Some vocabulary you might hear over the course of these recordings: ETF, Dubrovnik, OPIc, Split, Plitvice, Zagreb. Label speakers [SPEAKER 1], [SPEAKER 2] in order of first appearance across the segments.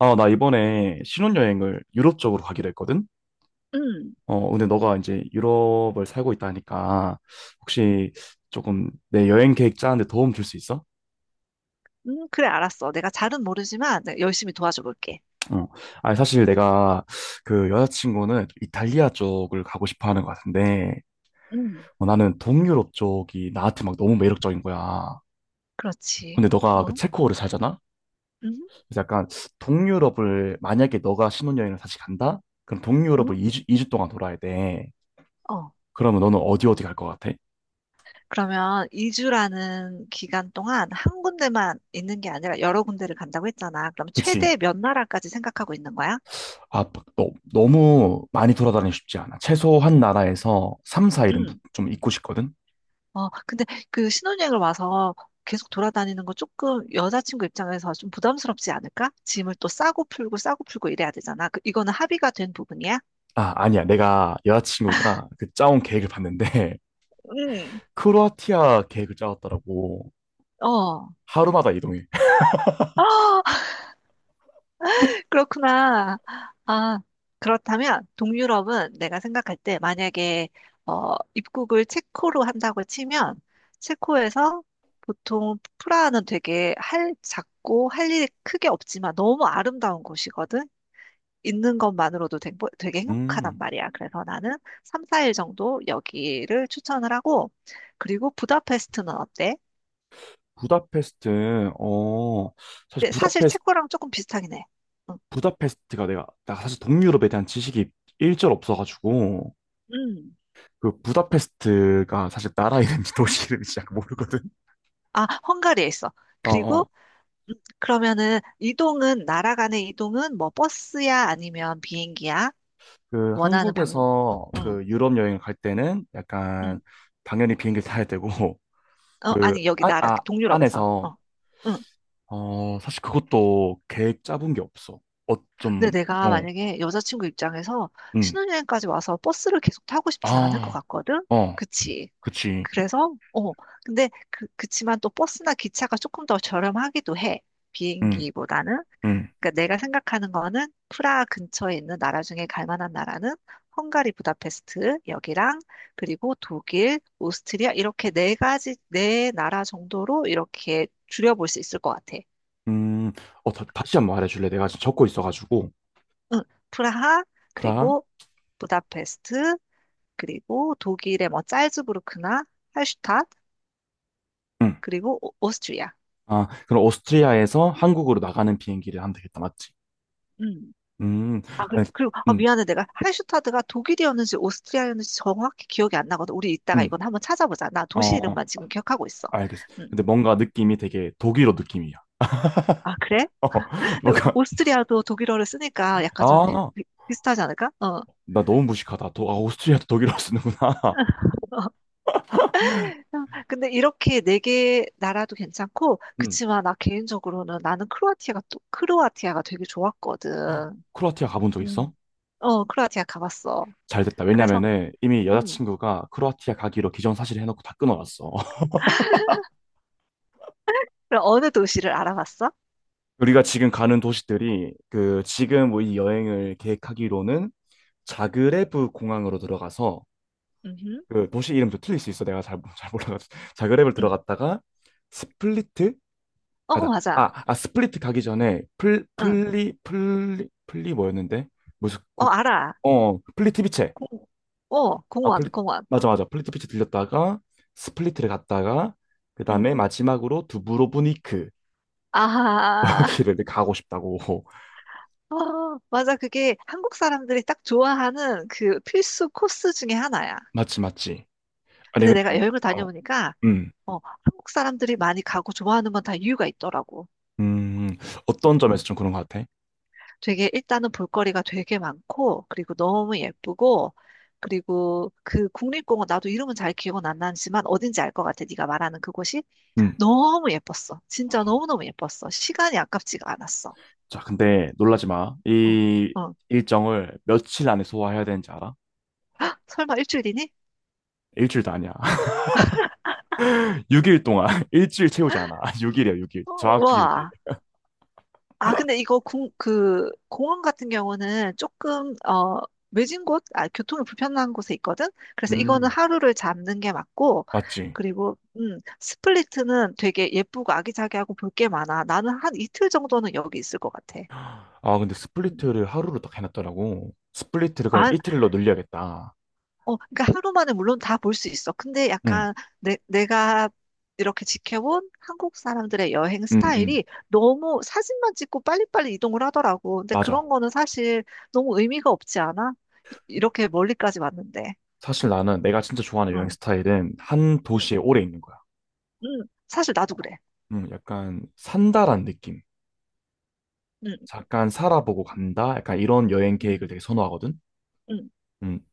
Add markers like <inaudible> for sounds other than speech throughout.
[SPEAKER 1] 아, 나 이번에 신혼여행을 유럽 쪽으로 가기로 했거든?
[SPEAKER 2] 음,
[SPEAKER 1] 어, 근데 너가 이제 유럽을 살고 있다 하니까 혹시 조금 내 여행 계획 짜는데 도움 줄 수 있어?
[SPEAKER 2] 그래, 알았어. 내가 잘은 모르지만 내가 열심히 도와줘 볼게.
[SPEAKER 1] 어. 아니, 사실 내가 그 여자친구는 이탈리아 쪽을 가고 싶어 하는 것 같은데,
[SPEAKER 2] 음,
[SPEAKER 1] 어, 나는 동유럽 쪽이 나한테 막 너무 매력적인 거야.
[SPEAKER 2] 그렇지.
[SPEAKER 1] 근데 너가 그
[SPEAKER 2] 어,
[SPEAKER 1] 체코를 살잖아?
[SPEAKER 2] 음,
[SPEAKER 1] 그래서 약간 동유럽을 만약에 너가 신혼여행을 다시 간다? 그럼
[SPEAKER 2] 음,
[SPEAKER 1] 동유럽을 2주 동안 돌아야 돼.
[SPEAKER 2] 어.
[SPEAKER 1] 그러면 너는 어디 어디 갈 것 같아?
[SPEAKER 2] 그러면 이주라는 기간 동안 한 군데만 있는 게 아니라 여러 군데를 간다고 했잖아. 그럼
[SPEAKER 1] 그치?
[SPEAKER 2] 최대 몇 나라까지 생각하고 있는 거야?
[SPEAKER 1] 아, 너무 많이 돌아다니기 쉽지 않아. 최소한 나라에서 3, 4일은
[SPEAKER 2] 음,
[SPEAKER 1] 좀 있고 싶거든?
[SPEAKER 2] 어, 근데 그 신혼여행을 와서 계속 돌아다니는 거 조금 여자친구 입장에서 좀 부담스럽지 않을까? 짐을 또 싸고 풀고 싸고 풀고 이래야 되잖아. 그, 이거는 합의가 된 부분이야?
[SPEAKER 1] 아, 아니야. 내가 여자친구가 그 짜온 계획을 봤는데,
[SPEAKER 2] 음,
[SPEAKER 1] <laughs> 크로아티아 계획을 짜왔더라고.
[SPEAKER 2] 어.
[SPEAKER 1] 하루마다 이동해. <laughs>
[SPEAKER 2] <gasps> 그렇구나. 아, 그렇다면 동유럽은 내가 생각할 때 만약에 입국을 체코로 한다고 치면 체코에서 보통 프라하는 되게 할 작고 할 일이 크게 없지만 너무 아름다운 곳이거든. 있는 것만으로도 되게
[SPEAKER 1] 음.
[SPEAKER 2] 행복하단 말이야. 그래서 나는 3, 4일 정도 여기를 추천을 하고 그리고 부다페스트는 어때?
[SPEAKER 1] 부다페스트, 사실
[SPEAKER 2] 근데 사실
[SPEAKER 1] 부다페스트,
[SPEAKER 2] 체코랑 조금 비슷하긴 해. 응.
[SPEAKER 1] 부다페스트가 나 사실 동유럽에 대한 지식이 일절 없어가지고,
[SPEAKER 2] 음.
[SPEAKER 1] 그 부다페스트가 사실 나라 이름인지 도시 이름인지 잘 모르거든.
[SPEAKER 2] 아, 헝가리에 있어.
[SPEAKER 1] 어,
[SPEAKER 2] 그리고
[SPEAKER 1] 어.
[SPEAKER 2] 그러면은 이동은 나라 간의 이동은 뭐 버스야 아니면 비행기야?
[SPEAKER 1] 그
[SPEAKER 2] 원하는 방,
[SPEAKER 1] 한국에서
[SPEAKER 2] 응,
[SPEAKER 1] 그 유럽 여행을 갈 때는
[SPEAKER 2] 응.
[SPEAKER 1] 약간 당연히 비행기 타야 되고. <laughs> 그
[SPEAKER 2] 아니 여기
[SPEAKER 1] 안,
[SPEAKER 2] 나라
[SPEAKER 1] 아,
[SPEAKER 2] 동유럽에서.
[SPEAKER 1] 안에서
[SPEAKER 2] 어. 응.
[SPEAKER 1] 사실 그것도 계획 짜본 게 없어. 좀.
[SPEAKER 2] 근데 내가
[SPEAKER 1] 어.
[SPEAKER 2] 만약에 여자친구 입장에서
[SPEAKER 1] 음.
[SPEAKER 2] 신혼여행까지 와서 버스를 계속 타고 싶진 않을 것
[SPEAKER 1] 아.
[SPEAKER 2] 같거든?
[SPEAKER 1] 어.
[SPEAKER 2] 그치?
[SPEAKER 1] 그치.
[SPEAKER 2] 그래서, 어, 근데 그, 그치만 또 버스나 기차가 조금 더 저렴하기도 해.
[SPEAKER 1] 음.
[SPEAKER 2] 비행기보다는.
[SPEAKER 1] 음.
[SPEAKER 2] 그러니까 내가 생각하는 거는 프라하 근처에 있는 나라 중에 갈 만한 나라는 헝가리 부다페스트 여기랑 그리고 독일, 오스트리아 이렇게 네 가지 네 나라 정도로 이렇게 줄여볼 수 있을 것 같아.
[SPEAKER 1] 음. 다, 시 한번 말해줄래? 내가 지금 적고 있어가지고.
[SPEAKER 2] 응, 프라하
[SPEAKER 1] 프랑.
[SPEAKER 2] 그리고 부다페스트 그리고 독일의 뭐 짤즈부르크나 할슈타트
[SPEAKER 1] 음.
[SPEAKER 2] 그리고 오스트리아.
[SPEAKER 1] 아, 그럼 오스트리아에서 한국으로 나가는 비행기를 하면 되겠다, 맞지?
[SPEAKER 2] 음.
[SPEAKER 1] 음.
[SPEAKER 2] 아,
[SPEAKER 1] 알
[SPEAKER 2] 그리고, 그리고 아,
[SPEAKER 1] 음.
[SPEAKER 2] 미안해. 내가 할슈타드가 독일이었는지 오스트리아였는지 정확히 기억이 안 나거든. 우리 이따가
[SPEAKER 1] 음.
[SPEAKER 2] 이건 한번 찾아보자. 나 도시
[SPEAKER 1] 어,
[SPEAKER 2] 이름만 지금 기억하고 있어.
[SPEAKER 1] 알겠어.
[SPEAKER 2] 음.
[SPEAKER 1] 근데 뭔가 느낌이 되게 독일어 느낌이야.
[SPEAKER 2] 아, 그래?
[SPEAKER 1] <laughs> 어.
[SPEAKER 2] 근데
[SPEAKER 1] 뭔가,
[SPEAKER 2] 오스트리아도 독일어를 쓰니까 약간 좀
[SPEAKER 1] 아,
[SPEAKER 2] 비슷하지 않을까? 어.
[SPEAKER 1] 나 너무 무식하다. 오스트리아도 독일어 쓰는구나. <laughs>
[SPEAKER 2] <laughs> 근데 이렇게 네 개 나라도 괜찮고,
[SPEAKER 1] 음.
[SPEAKER 2] 그치만 나 개인적으로는 나는 크로아티아가 또, 크로아티아가 되게 좋았거든.
[SPEAKER 1] 크로아티아 가본 적 있어?
[SPEAKER 2] 음. 어, 크로아티아 가봤어.
[SPEAKER 1] 잘 됐다.
[SPEAKER 2] 그래서,
[SPEAKER 1] 왜냐면은 이미
[SPEAKER 2] 음.
[SPEAKER 1] 여자친구가 크로아티아 가기로 기정사실 해놓고 다 끊어놨어. <laughs>
[SPEAKER 2] 그럼 어느 도시를 알아봤어?
[SPEAKER 1] 우리가 지금 가는 도시들이 그 지금 뭐이 여행을 계획하기로는 자그레브 공항으로 들어가서,
[SPEAKER 2] 음.
[SPEAKER 1] 그 도시 이름도 틀릴 수 있어. 내가 잘 몰라가지고. <laughs> 자그레브를
[SPEAKER 2] 음.
[SPEAKER 1] 들어갔다가 스플리트?
[SPEAKER 2] 어,
[SPEAKER 1] 아니다.
[SPEAKER 2] 맞아.
[SPEAKER 1] 스플리트 가기 전에
[SPEAKER 2] 응.
[SPEAKER 1] 플리 뭐였는데? 무슨
[SPEAKER 2] 어,
[SPEAKER 1] 국.
[SPEAKER 2] 알아.
[SPEAKER 1] 어, 플리트비체.
[SPEAKER 2] 공, 어,
[SPEAKER 1] 아,
[SPEAKER 2] 공원, 공원.
[SPEAKER 1] 맞아, 맞아. 플리트비체 들렸다가 스플리트를 갔다가 그 다음에
[SPEAKER 2] 음.
[SPEAKER 1] 마지막으로 두브로브니크. <laughs>
[SPEAKER 2] 아,
[SPEAKER 1] 여기를
[SPEAKER 2] <laughs>
[SPEAKER 1] 가고 싶다고.
[SPEAKER 2] 어, 맞아. 그게 한국 사람들이 딱 좋아하는 그 필수 코스 중에 하나야.
[SPEAKER 1] 맞지, 맞지. 아니,
[SPEAKER 2] 근데 내가
[SPEAKER 1] 근데.
[SPEAKER 2] 여행을
[SPEAKER 1] 어.
[SPEAKER 2] 다녀보니까,
[SPEAKER 1] 음,
[SPEAKER 2] 어, 한국 사람들이 많이 가고 좋아하는 건 다 이유가 있더라고.
[SPEAKER 1] 음. 어떤 점에서 좀 그런 것 같아?
[SPEAKER 2] 되게, 일단은 볼거리가 되게 많고, 그리고 너무 예쁘고, 그리고 그 국립공원, 나도 이름은 잘 기억은 안 나지만 어딘지 알 것 같아. 네가 말하는 그곳이
[SPEAKER 1] 음.
[SPEAKER 2] 너무 예뻤어. 진짜 너무너무 예뻤어. 시간이 아깝지가 않았어.
[SPEAKER 1] 자, 근데 놀라지 마.
[SPEAKER 2] 어,
[SPEAKER 1] 이
[SPEAKER 2] 어.
[SPEAKER 1] 일정을 며칠 안에 소화해야 되는지 알아?
[SPEAKER 2] 아, 설마 일주일이니?
[SPEAKER 1] 일주일도 아니야. 6일 동안 <laughs> 일주일 채우지 않아. <laughs> 6일이야, 6일
[SPEAKER 2] 어,
[SPEAKER 1] 정확히 6일.
[SPEAKER 2] 와. 아, 근데 이거 공, 그, 공원 같은 경우는 조금, 어, 외진 곳, 아, 교통이 불편한 곳에 있거든? 그래서 이거는
[SPEAKER 1] 음.
[SPEAKER 2] 하루를 잡는 게 맞고,
[SPEAKER 1] 맞지?
[SPEAKER 2] 그리고, 스플리트는 되게 예쁘고 아기자기하고 볼 게 많아. 나는 한 이틀 정도는 여기 있을 것 같아.
[SPEAKER 1] 아, 근데
[SPEAKER 2] 음.
[SPEAKER 1] 스플리트를 하루로 딱 해놨더라고. 스플리트를 그럼
[SPEAKER 2] 아,
[SPEAKER 1] 이틀로 늘려야겠다.
[SPEAKER 2] 그러니까 하루 만에 물론 다 볼 수 있어. 근데
[SPEAKER 1] 응,
[SPEAKER 2] 약간 내가 이렇게 지켜본 한국 사람들의 여행
[SPEAKER 1] 응, 응.
[SPEAKER 2] 스타일이 너무 사진만 찍고 빨리빨리 이동을 하더라고. 근데
[SPEAKER 1] 맞아.
[SPEAKER 2] 그런 거는 사실 너무 의미가 없지 않아? 이렇게 멀리까지 왔는데.
[SPEAKER 1] 사실 나는 내가 진짜 좋아하는 여행
[SPEAKER 2] 응,
[SPEAKER 1] 스타일은 한
[SPEAKER 2] 응,
[SPEAKER 1] 도시에 오래 있는 거야.
[SPEAKER 2] 응. 사실 나도 그래.
[SPEAKER 1] 응, 약간 산다란 느낌.
[SPEAKER 2] 응,
[SPEAKER 1] 잠깐 살아보고 간다. 약간 이런 여행 계획을 되게
[SPEAKER 2] 응,
[SPEAKER 1] 선호하거든.
[SPEAKER 2] 응.
[SPEAKER 1] 응.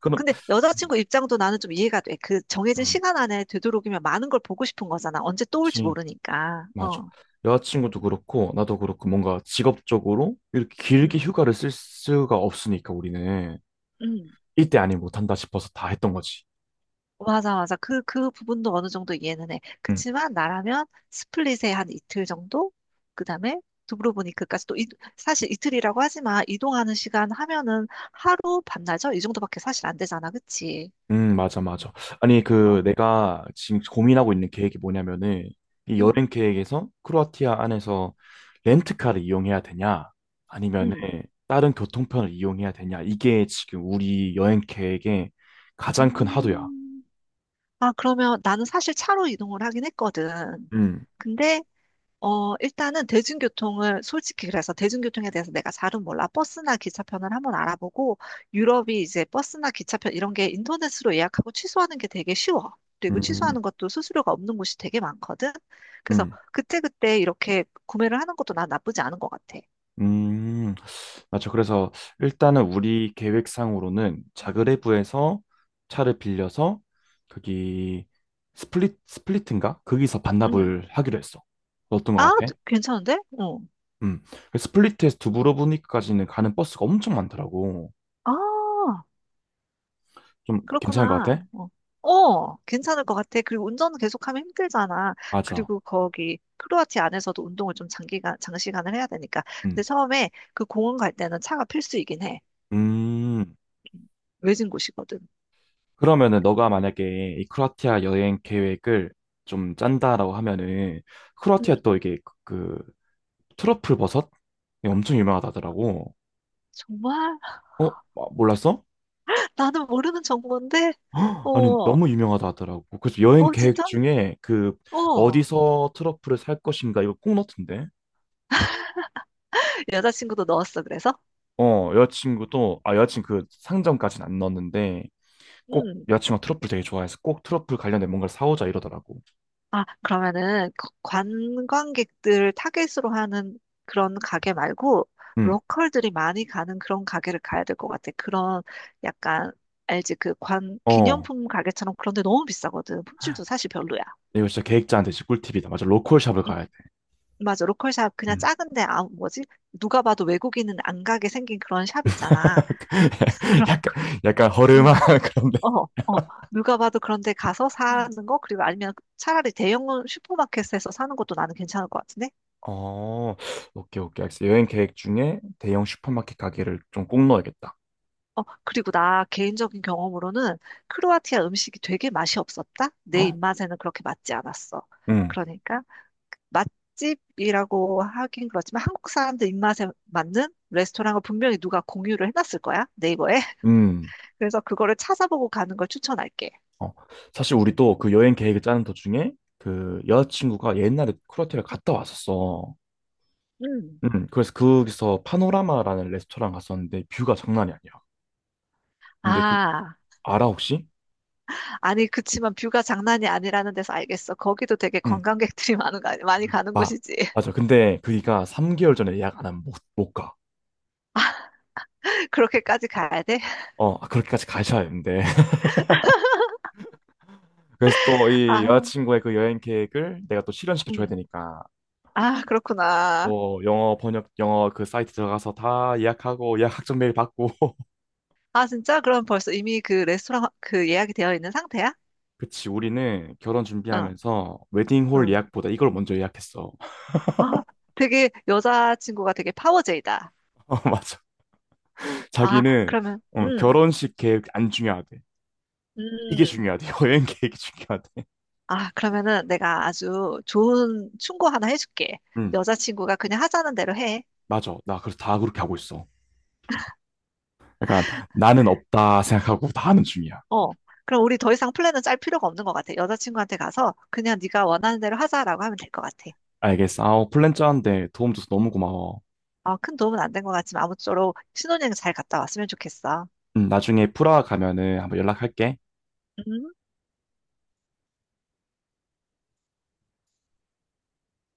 [SPEAKER 1] 그럼.
[SPEAKER 2] 근데 여자친구 입장도 나는 좀 이해가 돼. 그 정해진
[SPEAKER 1] 응.
[SPEAKER 2] 시간 안에 되도록이면 많은 걸 보고 싶은 거잖아. 언제 또 올지
[SPEAKER 1] 그렇
[SPEAKER 2] 모르니까.
[SPEAKER 1] 맞아.
[SPEAKER 2] 어,
[SPEAKER 1] 여자친구도 그렇고 나도 그렇고 뭔가 직업적으로 이렇게 길게
[SPEAKER 2] 응,
[SPEAKER 1] 휴가를 쓸 수가 없으니까 우리는
[SPEAKER 2] 응.
[SPEAKER 1] 이때 아니 못한다 싶어서 다 했던 거지.
[SPEAKER 2] 맞아, 맞아. 그, 그 부분도 어느 정도 이해는 해.
[SPEAKER 1] 응.
[SPEAKER 2] 그치만 나라면 스플릿에 한 이틀 정도? 그 다음에 두브로보니크까지 또 사실 이틀이라고 하지만 이동하는 시간 하면은 하루 반나절? 이 정도밖에 사실 안 되잖아. 그치?
[SPEAKER 1] 맞아, 맞아. 아니
[SPEAKER 2] 어,
[SPEAKER 1] 그 내가 지금 고민하고 있는 계획이 뭐냐면은 이
[SPEAKER 2] 응,
[SPEAKER 1] 여행 계획에서 크로아티아 안에서 렌트카를 이용해야 되냐, 아니면은
[SPEAKER 2] 응.
[SPEAKER 1] 다른 교통편을 이용해야 되냐, 이게 지금 우리 여행 계획의 가장 큰 하도야.
[SPEAKER 2] 음. 아, 그러면 나는 사실 차로 이동을 하긴 했거든.
[SPEAKER 1] 음.
[SPEAKER 2] 근데 일단은 대중교통을, 솔직히 그래서 대중교통에 대해서 내가 잘은 몰라. 버스나 기차편을 한번 알아보고, 유럽이 이제 버스나 기차편 이런 게 인터넷으로 예약하고 취소하는 게 되게 쉬워. 그리고
[SPEAKER 1] 음.
[SPEAKER 2] 취소하는 것도 수수료가 없는 곳이 되게 많거든. 그래서
[SPEAKER 1] 음.
[SPEAKER 2] 그때그때 이렇게 구매를 하는 것도 난 나쁘지 않은 것 같아.
[SPEAKER 1] 음, 맞죠. 그래서 일단은 우리 계획상으로는 자그레브에서 차를 빌려서 거기 스플릿, 스플릿인가? 거기서
[SPEAKER 2] 음.
[SPEAKER 1] 반납을 하기로 했어. 어떤
[SPEAKER 2] 아,
[SPEAKER 1] 것 같아?
[SPEAKER 2] 괜찮은데? 어.
[SPEAKER 1] 음. 그 스플릿에서 두브로브니크까지는 가는 버스가 엄청 많더라고.
[SPEAKER 2] 아.
[SPEAKER 1] 좀 괜찮은 것
[SPEAKER 2] 그렇구나.
[SPEAKER 1] 같아?
[SPEAKER 2] 어, 어, 괜찮을 것 같아. 그리고 운전 계속하면 힘들잖아.
[SPEAKER 1] 맞아.
[SPEAKER 2] 그리고 거기 크로아티아 안에서도 운동을 좀 장기간, 장시간을 해야 되니까. 근데
[SPEAKER 1] 음.
[SPEAKER 2] 처음에 그 공원 갈 때는 차가 필수이긴 해.
[SPEAKER 1] 음.
[SPEAKER 2] 외진 곳이거든.
[SPEAKER 1] 그러면은 너가 만약에 이 크로아티아 여행 계획을 좀 짠다라고 하면은,
[SPEAKER 2] 음,
[SPEAKER 1] 크로아티아 또 이게 그 트러플 버섯이 엄청 유명하다 하더라고.
[SPEAKER 2] 정말?
[SPEAKER 1] 어? 아, 몰랐어?
[SPEAKER 2] <laughs> 나는 모르는 정보인데? 어,
[SPEAKER 1] 아니,
[SPEAKER 2] 어,
[SPEAKER 1] 너무 유명하다 하더라고. 그래서 여행 계획
[SPEAKER 2] 진짜?
[SPEAKER 1] 중에 그
[SPEAKER 2] 어.
[SPEAKER 1] 어디서 트러플을 살 것인가 이거 꼭 넣던데.
[SPEAKER 2] 여자친구도 넣었어, 그래서?
[SPEAKER 1] 어, 여자친구 그 상점까지는 안 넣었는데, 꼭
[SPEAKER 2] 응.
[SPEAKER 1] 여자친구가 트러플 되게 좋아해서 꼭 트러플 관련된 뭔가를 사오자 이러더라고.
[SPEAKER 2] 아, 그러면은 거- 관광객들을 타겟으로 하는 그런 가게 말고
[SPEAKER 1] 응.
[SPEAKER 2] 로컬들이 많이 가는 그런 가게를 가야 될 것 같아. 그런 약간 알지? 그 관
[SPEAKER 1] 어.
[SPEAKER 2] 기념품 가게처럼 그런데 너무 비싸거든. 품질도 사실 별로야.
[SPEAKER 1] 이거 진짜 계획자한테 진짜 꿀팁이다. 맞아, 로컬 샵을
[SPEAKER 2] 음,
[SPEAKER 1] 가야 돼.
[SPEAKER 2] 맞아. 로컬 샵 그냥
[SPEAKER 1] 음.
[SPEAKER 2] 작은데 아 뭐지? 누가 봐도 외국인은 안 가게 생긴 그런 샵 있잖아.
[SPEAKER 1] <laughs>
[SPEAKER 2] 그럼
[SPEAKER 1] 약간, 약간 허름한
[SPEAKER 2] 음.
[SPEAKER 1] <laughs> 그런.
[SPEAKER 2] 어, 어, 누가 봐도 그런데 가서 사는 거, 그리고 아니면 차라리 대형 슈퍼마켓에서 사는 것도 나는 괜찮을 것 같은데?
[SPEAKER 1] 어, 오케이, 오케이, 알겠어. 여행 계획 중에 대형 슈퍼마켓 가게를 좀 꼭 넣어야겠다.
[SPEAKER 2] 그리고 나 개인적인 경험으로는 크로아티아 음식이 되게 맛이 없었다? 내
[SPEAKER 1] 헉.
[SPEAKER 2] 입맛에는 그렇게 맞지 않았어.
[SPEAKER 1] 응.
[SPEAKER 2] 그러니까 맛집이라고 하긴 그렇지만 한국 사람들 입맛에 맞는 레스토랑을 분명히 누가 공유를 해놨을 거야, 네이버에. <laughs>
[SPEAKER 1] 음.
[SPEAKER 2] 그래서 그거를 찾아보고 가는 걸 추천할게.
[SPEAKER 1] 어. 사실 우리 또 그 여행 계획을 짜는 도중에 그 여자친구가 옛날에 크로아티아를 갔다 왔었어.
[SPEAKER 2] 음.
[SPEAKER 1] 그래서 거기서 파노라마라는 레스토랑 갔었는데 뷰가 장난이 아니야. 근데 그,
[SPEAKER 2] 아,
[SPEAKER 1] 알아, 혹시?
[SPEAKER 2] 아니, 그치만 뷰가 장난이 아니라는 데서 알겠어. 거기도 되게
[SPEAKER 1] 응.
[SPEAKER 2] 관광객들이 <laughs> 많은 거, 아니- 많이 가는
[SPEAKER 1] 마,
[SPEAKER 2] 곳이지.
[SPEAKER 1] 맞아. 근데 그이가 3개월 전에 예약 안 하면 못 가.
[SPEAKER 2] <laughs> 그렇게까지 가야 돼?
[SPEAKER 1] 어, 아, 그렇게까지 가셔야 되는데. <laughs> 그래서 또 이
[SPEAKER 2] 아,
[SPEAKER 1] 여자친구의 그 여행 계획을 내가 또 실현시켜 줘야
[SPEAKER 2] 음.
[SPEAKER 1] 되니까.
[SPEAKER 2] 아, 그렇구나.
[SPEAKER 1] 또 영어 번역 영어 그 사이트 들어가서 다 예약하고 예약 확정 메일 받고. <laughs>
[SPEAKER 2] 아, 진짜? 그럼 벌써 이미 그 레스토랑 그 예약이 되어 있는 상태야?
[SPEAKER 1] 그치, 우리는 결혼
[SPEAKER 2] 응,
[SPEAKER 1] 준비하면서 웨딩홀
[SPEAKER 2] 응.
[SPEAKER 1] 예약보다 이걸 먼저 예약했어.
[SPEAKER 2] 아, 되게 여자친구가 되게 파워제이다.
[SPEAKER 1] <laughs> 어, 맞아.
[SPEAKER 2] 아,
[SPEAKER 1] 자기는,
[SPEAKER 2] 그러면,
[SPEAKER 1] 응, 결혼식 계획 안 중요하대. 이게
[SPEAKER 2] 음.
[SPEAKER 1] 중요하대. <laughs> 여행 계획이 중요하대.
[SPEAKER 2] 아, 그러면은 내가 아주 좋은 충고 하나 해줄게.
[SPEAKER 1] 응,
[SPEAKER 2] 여자친구가 그냥 하자는 대로 해.
[SPEAKER 1] 맞아. 나 그래서 다 그렇게 하고 있어. 약간 나는 없다 생각하고 다 하는 중이야.
[SPEAKER 2] 어. 그럼 우리 더 이상 플랜은 짤 필요가 없는 것 같아. 여자친구한테 가서 그냥 네가 원하는 대로 하자라고 하면 될 것 같아.
[SPEAKER 1] 알겠어. 아우, 플랜 짜는데 도움 줘서 너무 고마워.
[SPEAKER 2] 아, 큰 도움은 안 된 것 같지만 아무쪼록 신혼여행 잘 갔다 왔으면 좋겠어.
[SPEAKER 1] 응, 나중에 프라하 가면은 한번 연락할게.
[SPEAKER 2] 음.